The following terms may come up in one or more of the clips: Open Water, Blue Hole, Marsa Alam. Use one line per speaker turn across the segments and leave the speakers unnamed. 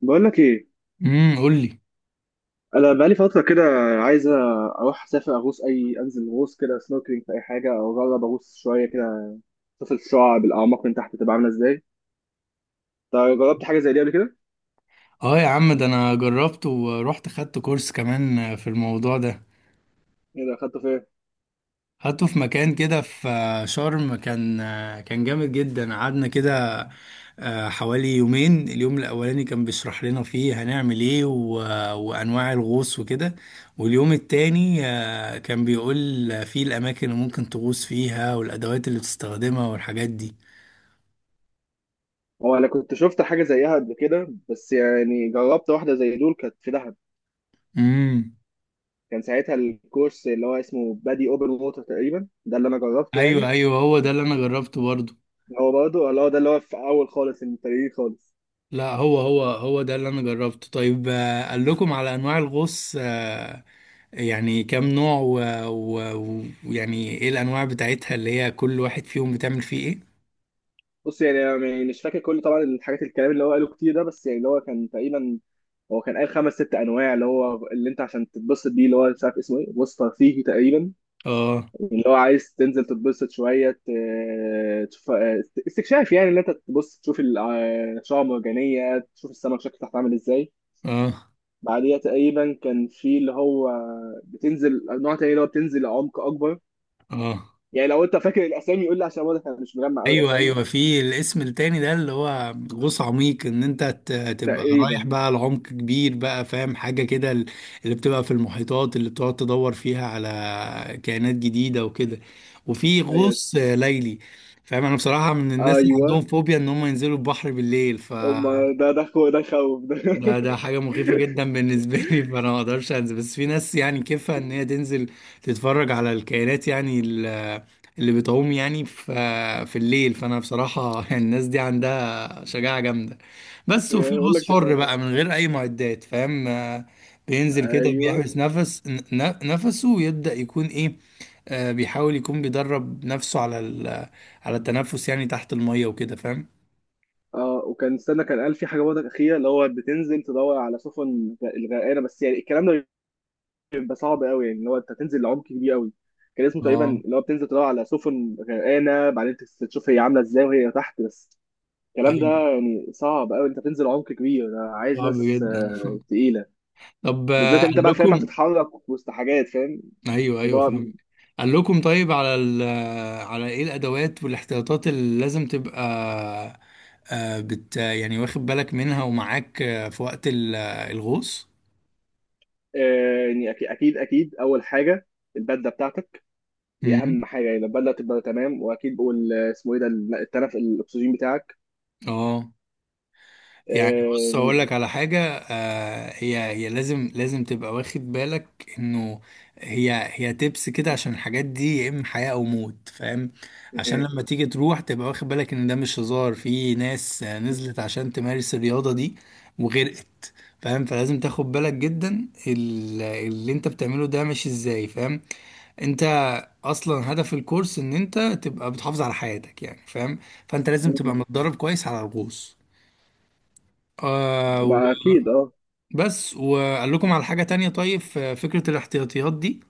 بقول لك ايه؟
قول لي.
انا بقالي فتره كده عايز اروح اسافر اغوص، اي انزل غوص كده، سنوركلينج في اي حاجه، او اجرب اغوص شويه كده، اشوف الشعاب الاعماق من تحت تبقى عامله ازاي. طيب جربت حاجه زي دي قبل كده؟
اه يا عم، ده انا جربت ورحت خدت كورس كمان في الموضوع ده.
ايه ده؟ اخدته فين؟
خدته في مكان كده في شرم، كان جامد جدا. قعدنا كده حوالي يومين. اليوم الاولاني كان بيشرح لنا فيه هنعمل ايه و- وانواع الغوص وكده. واليوم التاني كان بيقول فيه الاماكن اللي ممكن تغوص فيها والادوات اللي بتستخدمها والحاجات دي.
هو انا كنت شفت حاجه زيها قبل كده، بس يعني جربت واحده زي دول كانت في دهب.
امم،
كان ساعتها الكورس اللي هو اسمه بادي اوبن ووتر تقريبا ده اللي انا جربته
ايوه
يعني.
ايوه، هو ده اللي انا جربته برضه.
هو برضه اللي هو ده اللي هو في اول خالص، المبتدئين خالص.
لا، هو ده اللي انا جربته. طيب قال لكم على انواع الغوص، يعني كام نوع و- و- ويعني ايه الانواع بتاعتها اللي هي كل واحد فيهم بتعمل فيه ايه؟
بص يعني أنا يعني مش فاكر كل طبعا الحاجات، الكلام اللي هو قاله كتير ده، بس يعني اللي هو كان تقريبا، هو كان قال خمس ست انواع. اللي هو اللي انت عشان تتبسط بيه، اللي هو مش عارف اسمه ايه، وسط ترفيهي تقريبا،
اه
اللي هو عايز تنزل تتبسط شويه تشوف. استكشاف، يعني اللي انت تبص تشوف شعاب مرجانيه، تشوف السمك شكله تحت عامل ازاي.
اه
بعديها تقريبا كان في اللي هو بتنزل نوع تاني، اللي هو بتنزل لعمق اكبر.
اه،
يعني لو انت فاكر الاسامي قول لي، عشان واضح انا مش مجمع قوي
ايوه
الاسامي.
ايوه، في الاسم التاني ده اللي هو غوص عميق، ان انت تبقى رايح
تقريبا،
بقى لعمق كبير بقى، فاهم حاجه كده؟ اللي بتبقى في المحيطات اللي بتقعد تدور فيها على كائنات جديده وكده. وفي
ايوه
غوص ليلي. فاهم، انا بصراحه من الناس اللي عندهم
ايوه.
فوبيا ان هم ينزلوا البحر بالليل، ف
هم، ده خوف ده.
ده حاجة مخيفة جدا بالنسبة لي، فأنا ما أقدرش أنزل. بس في ناس يعني كيفها إن هي تنزل تتفرج على الكائنات، يعني اللي بتعوم يعني في الليل. فأنا بصراحة الناس دي عندها شجاعة جامدة. بس وفي
يعني بقول لك
غوص حر
تخاف؟
بقى من غير أي معدات، فاهم؟ بينزل كده
ايوه.
بيحبس نفس نفسه ويبدأ يكون إيه، بيحاول يكون بيدرب نفسه على على التنفس يعني تحت المية وكده، فاهم؟
اه، وكان، استنى، كان قال في حاجه برضه اخيره، اللي هو بتنزل تدور على الغرقانه، بس يعني الكلام ده بيبقى صعب قوي، يعني اللي هو انت تنزل لعمق كبير قوي. كان اسمه تقريبا
اه،
اللي هو بتنزل تدور على سفن غرقانه، بعدين تشوف هي عامله ازاي وهي تحت بس. الكلام ده
ايوه،
يعني صعب قوي، انت بتنزل عمق كبير، ده عايز
صعب
ناس
جدا
تقيله.
طب
بالذات انت
قال
بقى فاهم
لكم.
هتتحرك وسط حاجات، فاهم
ايوه ايوه
الموضوع.
فاهم. قال لكم طيب على على ايه الادوات والاحتياطات اللي لازم تبقى يعني واخد بالك منها ومعاك في وقت الغوص؟
يعني اكيد اول حاجه البدله بتاعتك، دي اهم
امم،
حاجه، يعني البدله تبقى تمام، واكيد اسمه ايه ده، التنف الاكسجين بتاعك.
اه،
آه،
يعني بص اقول
يعني
لك على حاجه، هي لازم تبقى واخد بالك انه هي تبس كده، عشان الحاجات دي يا اما حياه او موت، فاهم؟ عشان
إيه.
لما تيجي تروح تبقى واخد بالك ان ده مش هزار. في ناس نزلت عشان تمارس الرياضه دي وغرقت، فاهم؟ فلازم تاخد بالك جدا اللي انت بتعمله ده ماشي ازاي، فاهم؟ انت اصلا هدف الكورس ان انت تبقى بتحافظ على حياتك يعني، فاهم؟ فانت لازم
مم.
تبقى متدرب كويس على الغوص. آه،
ما اكيد اه.
بس وقال لكم على حاجة تانية، طيب في فكرة الاحتياطيات دي.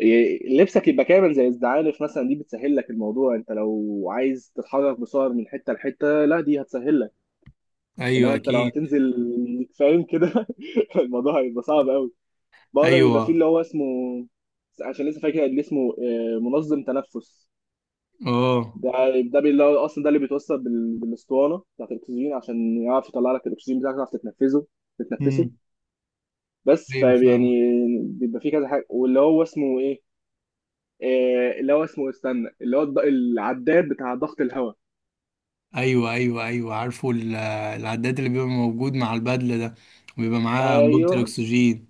إيه، لبسك يبقى كامل، زي الزعانف مثلا، دي بتسهل لك الموضوع، انت لو عايز تتحرك بسعر من حته لحته، لا دي هتسهل لك.
ايوه
انما انت لو
اكيد.
هتنزل فاهم كده الموضوع هيبقى صعب قوي. برضه بيبقى فيه
ايوه
اللي هو اسمه، عشان لسه فاكر اللي اسمه منظم تنفس
اه.
ده. اللي هو اصلا ده اللي بيتوصل بالاسطوانه بتاعت الاكسجين، عشان يعرف يطلع لك الاكسجين بتاعك تعرف تتنفسه.
امم،
بس
ايوه
فيعني
فاهم.
بيبقى فيه كذا حاجه، واللي هو اسمه ايه، آه اللي هو اسمه، استنى، اللي هو العداد بتاع ضغط الهواء.
ايوه ايوه ايوه، عارفه العداد اللي بيبقى موجود مع البدلة ده، بيبقى معاه انبوبة
ايوه
الاكسجين.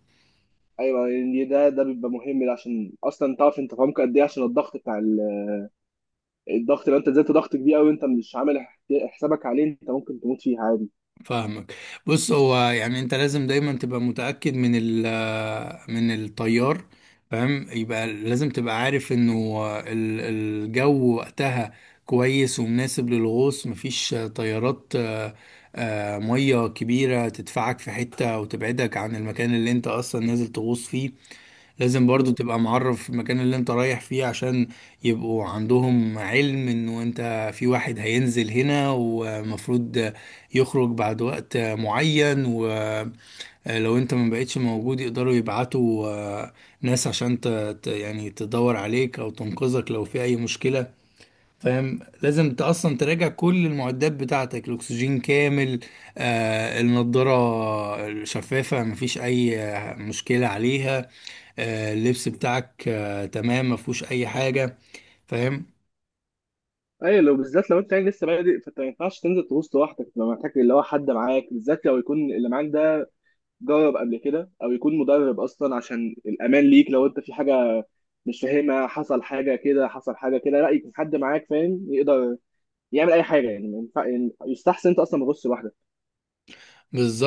ايوه يعني ده ده بيبقى مهم، عشان اصلا تعرف انت فاهمك قد ايه، عشان الضغط بتاع الضغط، لو انت نزلت ضغط كبير قوي انت مش عامل حسابك عليه، انت ممكن تموت فيه عادي.
فاهمك. بص هو يعني انت لازم دايما تبقى متأكد من ال آه، من الطيار، فاهم، يبقى لازم تبقى عارف انه الجو وقتها كويس ومناسب للغوص، مفيش تيارات، مية كبيرة تدفعك في حتة وتبعدك عن المكان اللي انت اصلا نازل تغوص فيه. لازم برضو تبقى معرف المكان اللي انت رايح فيه، عشان يبقوا عندهم علم انه انت في واحد هينزل هنا ومفروض يخرج بعد وقت معين، ولو انت ما بقتش موجود يقدروا يبعتوا ناس عشان يعني تدور عليك او تنقذك لو في اي مشكلة، فاهم. لازم انت اصلا تراجع كل المعدات بتاعتك، الاكسجين كامل، النضاره شفافه، مفيش اي مشكله عليها، اللبس بتاعك تمام مفهوش اي حاجه، فاهم.
ايوه. لو بالذات لو انت يعني لسه بادئ، فانت ما ينفعش تنزل تغوص لوحدك، لو محتاج اللي هو حد معاك، بالذات لو يكون اللي معاك ده جرب قبل كده، او يكون مدرب اصلا، عشان الامان ليك لو انت في حاجه مش فاهمها، حصل حاجه كده، لا يكون حد معاك فاهم يقدر يعمل اي حاجه، يعني ما ينفع- يعني يستحسن انت اصلا ما تغوصش لوحدك،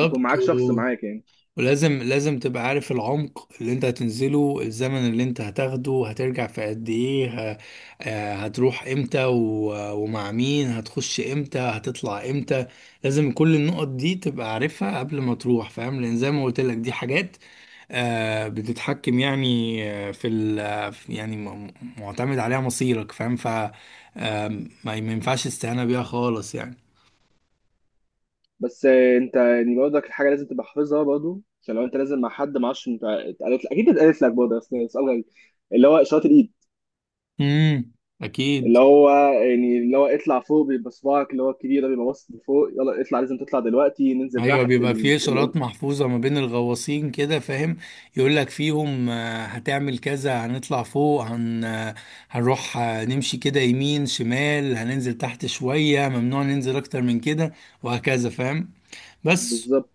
يكون معاك شخص معاك يعني.
ولازم تبقى عارف العمق اللي انت هتنزله، الزمن اللي انت هتاخده، هترجع في قد ايه، هتروح امتى و- ومع مين، هتخش امتى، هتطلع امتى. لازم كل النقط دي تبقى عارفها قبل ما تروح، فاهم، لان زي ما قلت لك دي حاجات بتتحكم يعني في ال آه، يعني معتمد عليها مصيرك، فاهم. ف ما ينفعش استهانة بيها خالص يعني.
بس انت يعني برضك الحاجه لازم تبقى حافظها برضه، عشان لو انت نازل مع حد، ما اعرفش انت اتقالت، اكيد اتقالت لك برضه، بس سؤال غريب. اللي هو اشاره الايد،
امم اكيد.
اللي هو يعني اللي هو اطلع فوق، بيبقى صباعك اللي هو الكبير ده بيبقى باصص لفوق، يلا اطلع لازم تطلع دلوقتي، ننزل
ايوه
تحت
بيبقى فيه اشارات محفوظه ما بين الغواصين كده، فاهم، يقول لك فيهم هتعمل كذا، هنطلع فوق، هن آه، هنروح نمشي كده يمين شمال، هننزل تحت شويه، ممنوع ننزل اكتر من كده، وهكذا، فاهم. بس
بالظبط.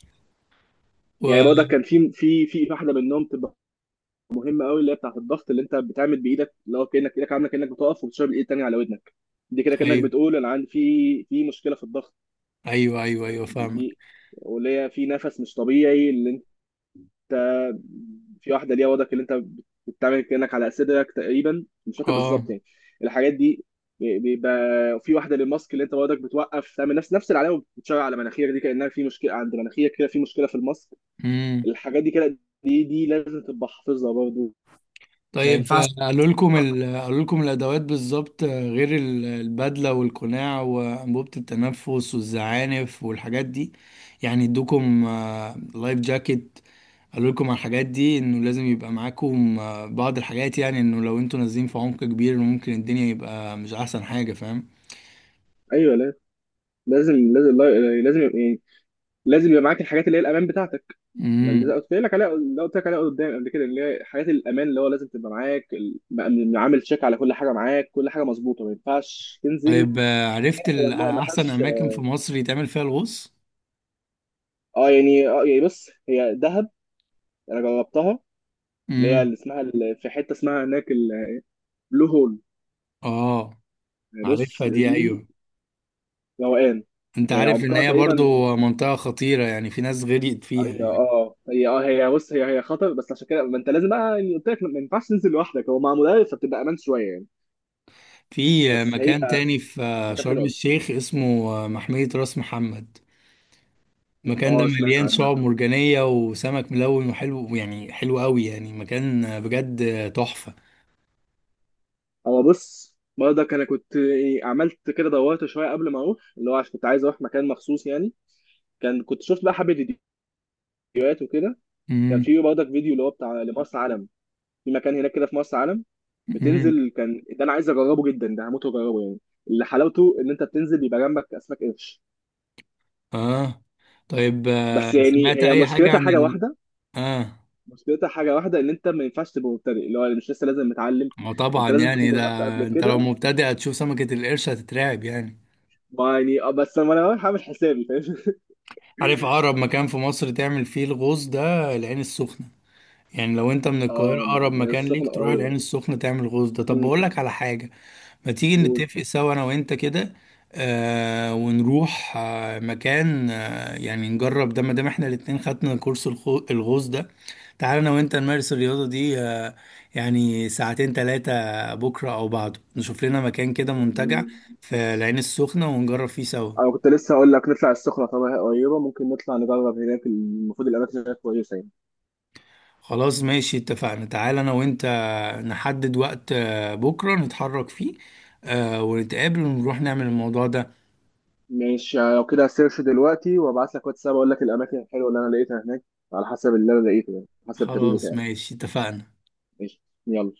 يعني
و...
برضه كان في واحده منهم تبقى مهمه قوي، اللي هي بتاعت الضغط، اللي انت بتعمل بايدك، اللي هو كانك ايدك عامله، كانك بتقف وبتشرب، الايد التانيه على ودنك دي كده، كانك
ايوه
بتقول انا عندي في مشكله في الضغط.
ايوه ايوه
يعني
ايوه
دي,
فاهمك
دي واللي هي في نفس مش طبيعي، اللي انت، في واحده ليها وضعك اللي انت بتعمل كانك على صدرك تقريبا، مش فاكر بالظبط يعني الحاجات دي. بيبقى في واحده للماسك، اللي انت وضعك بتوقف تعمل نفس، العلامه بتشاور على مناخيرك دي، كانها في مشكله عند مناخيرك كده، في مشكله في الماسك.
اه.
الحاجات دي كده، دي لازم تبقى حافظها برضه، ما
طيب
ينفعش.
قالوا لكم قالوا لكم الادوات بالظبط غير البدله والقناع وانبوبه التنفس والزعانف والحاجات دي؟ يعني ادوكم لايف جاكيت؟ قالوا لكم على الحاجات دي انه لازم يبقى معاكم بعض الحاجات، يعني انه لو انتوا نازلين في عمق كبير ممكن الدنيا يبقى مش احسن حاجه، فاهم.
ايوه لا، لازم لازم يعني، لازم يبقى معاك الحاجات اللي هي الامان بتاعتك. ما اللي
امم.
قلت لك عليها، قدام قبل كده، اللي هي حاجات الامان، اللي هو لازم تبقى معاك عامل تشيك على كل حاجه معاك، كل حاجه مظبوطه، ما ينفعش تنزل.
طيب عرفت
هي الماء ما
احسن
فيهاش،
اماكن في مصر يتعمل فيها الغوص.
اه يعني، اه يعني بص، هي دهب، انا جربتها، اللي هي
امم
اللي اسمها في حته اسمها هناك، البلو هول.
اه،
يعني بص
عارفها دي،
دي
ايوه.
روقان.
انت
يعني
عارف ان
عمقها
هي
تقريبا،
برضو منطقة خطيرة يعني، في ناس غرقت فيها
هي
يعني.
اه هي اه هي بص هي خطر، بس عشان كده ما انت لازم بقى، يعني قلت لك ما ينفعش تنزل لوحدك، هو مع مدرب فبتبقى امان شويه يعني.
في
بس هي
مكان تاني في
مكان حلو
شرم
قوي.
الشيخ اسمه محمية راس محمد. المكان ده
اه سمعت
مليان
عنها.
شعاب مرجانية وسمك ملون وحلو يعني، حلو قوي يعني، مكان بجد تحفة.
هو بص برضك انا كنت عملت كده، دورت شويه قبل ما اروح، اللي هو عشان كنت عايز اروح مكان مخصوص يعني، كان كنت شفت بقى حبه فيديوهات وكده. كان
امم.
في برضك فيديو اللي هو بتاع لمرسى علم، في مكان هناك كده في مرسى علم،
امم
بتنزل، كان ده انا عايز اجربه جدا، ده هموت واجربه يعني، اللي حلاوته ان انت بتنزل بيبقى جنبك اسماك قرش.
اه. طيب
بس يعني
سمعت
هي
اي حاجة
مشكلتها
عن
حاجه
ال
واحده،
اه
ان انت ما ينفعش تبقى مبتدئ، اللي هو مش لسه، لازم متعلم،
ما طبعا
انت لازم تكون
يعني ده.
جربت قبل
انت لو
كده.
مبتدئ هتشوف سمكة القرش هتترعب يعني.
ما يعني بس انا رايح هعمل حسابي فاهم.
عارف اقرب مكان في مصر تعمل فيه الغوص ده؟ العين السخنة. يعني لو انت من القاهرة
اه
أقرب مكان ليك
السخنه
تروح
قريبه.
العين السخنة تعمل غوص ده. طب
مم.
بقول لك على حاجة، ما تيجي
قول.
نتفق سوا أنا وأنت كده. ونروح مكان يعني نجرب ده، ما دام احنا الاتنين خدنا كورس الغوص ده. تعالى أنا وأنت نمارس الرياضة دي، يعني ساعتين تلاتة، بكرة أو بعده نشوف لنا مكان كده منتجع
مم.
في العين السخنة ونجرب فيه سوا.
انا كنت لسه هقول لك نطلع السخنه، طبعا هي قريبه، ممكن نطلع نجرب هناك، المفروض الاماكن هناك كويسه يعني.
خلاص ماشي اتفقنا. تعال انا وانت نحدد وقت، بكرة نتحرك فيه، ونتقابل ونروح نعمل الموضوع ده.
ماشي لو كده هسيرش دلوقتي وابعت لك واتساب، اقول لك الاماكن الحلوه اللي انا لقيتها هناك، على حسب اللي انا لقيته، يعني على حسب التدريب
خلاص
بتاعي.
ماشي اتفقنا.
ماشي يلا.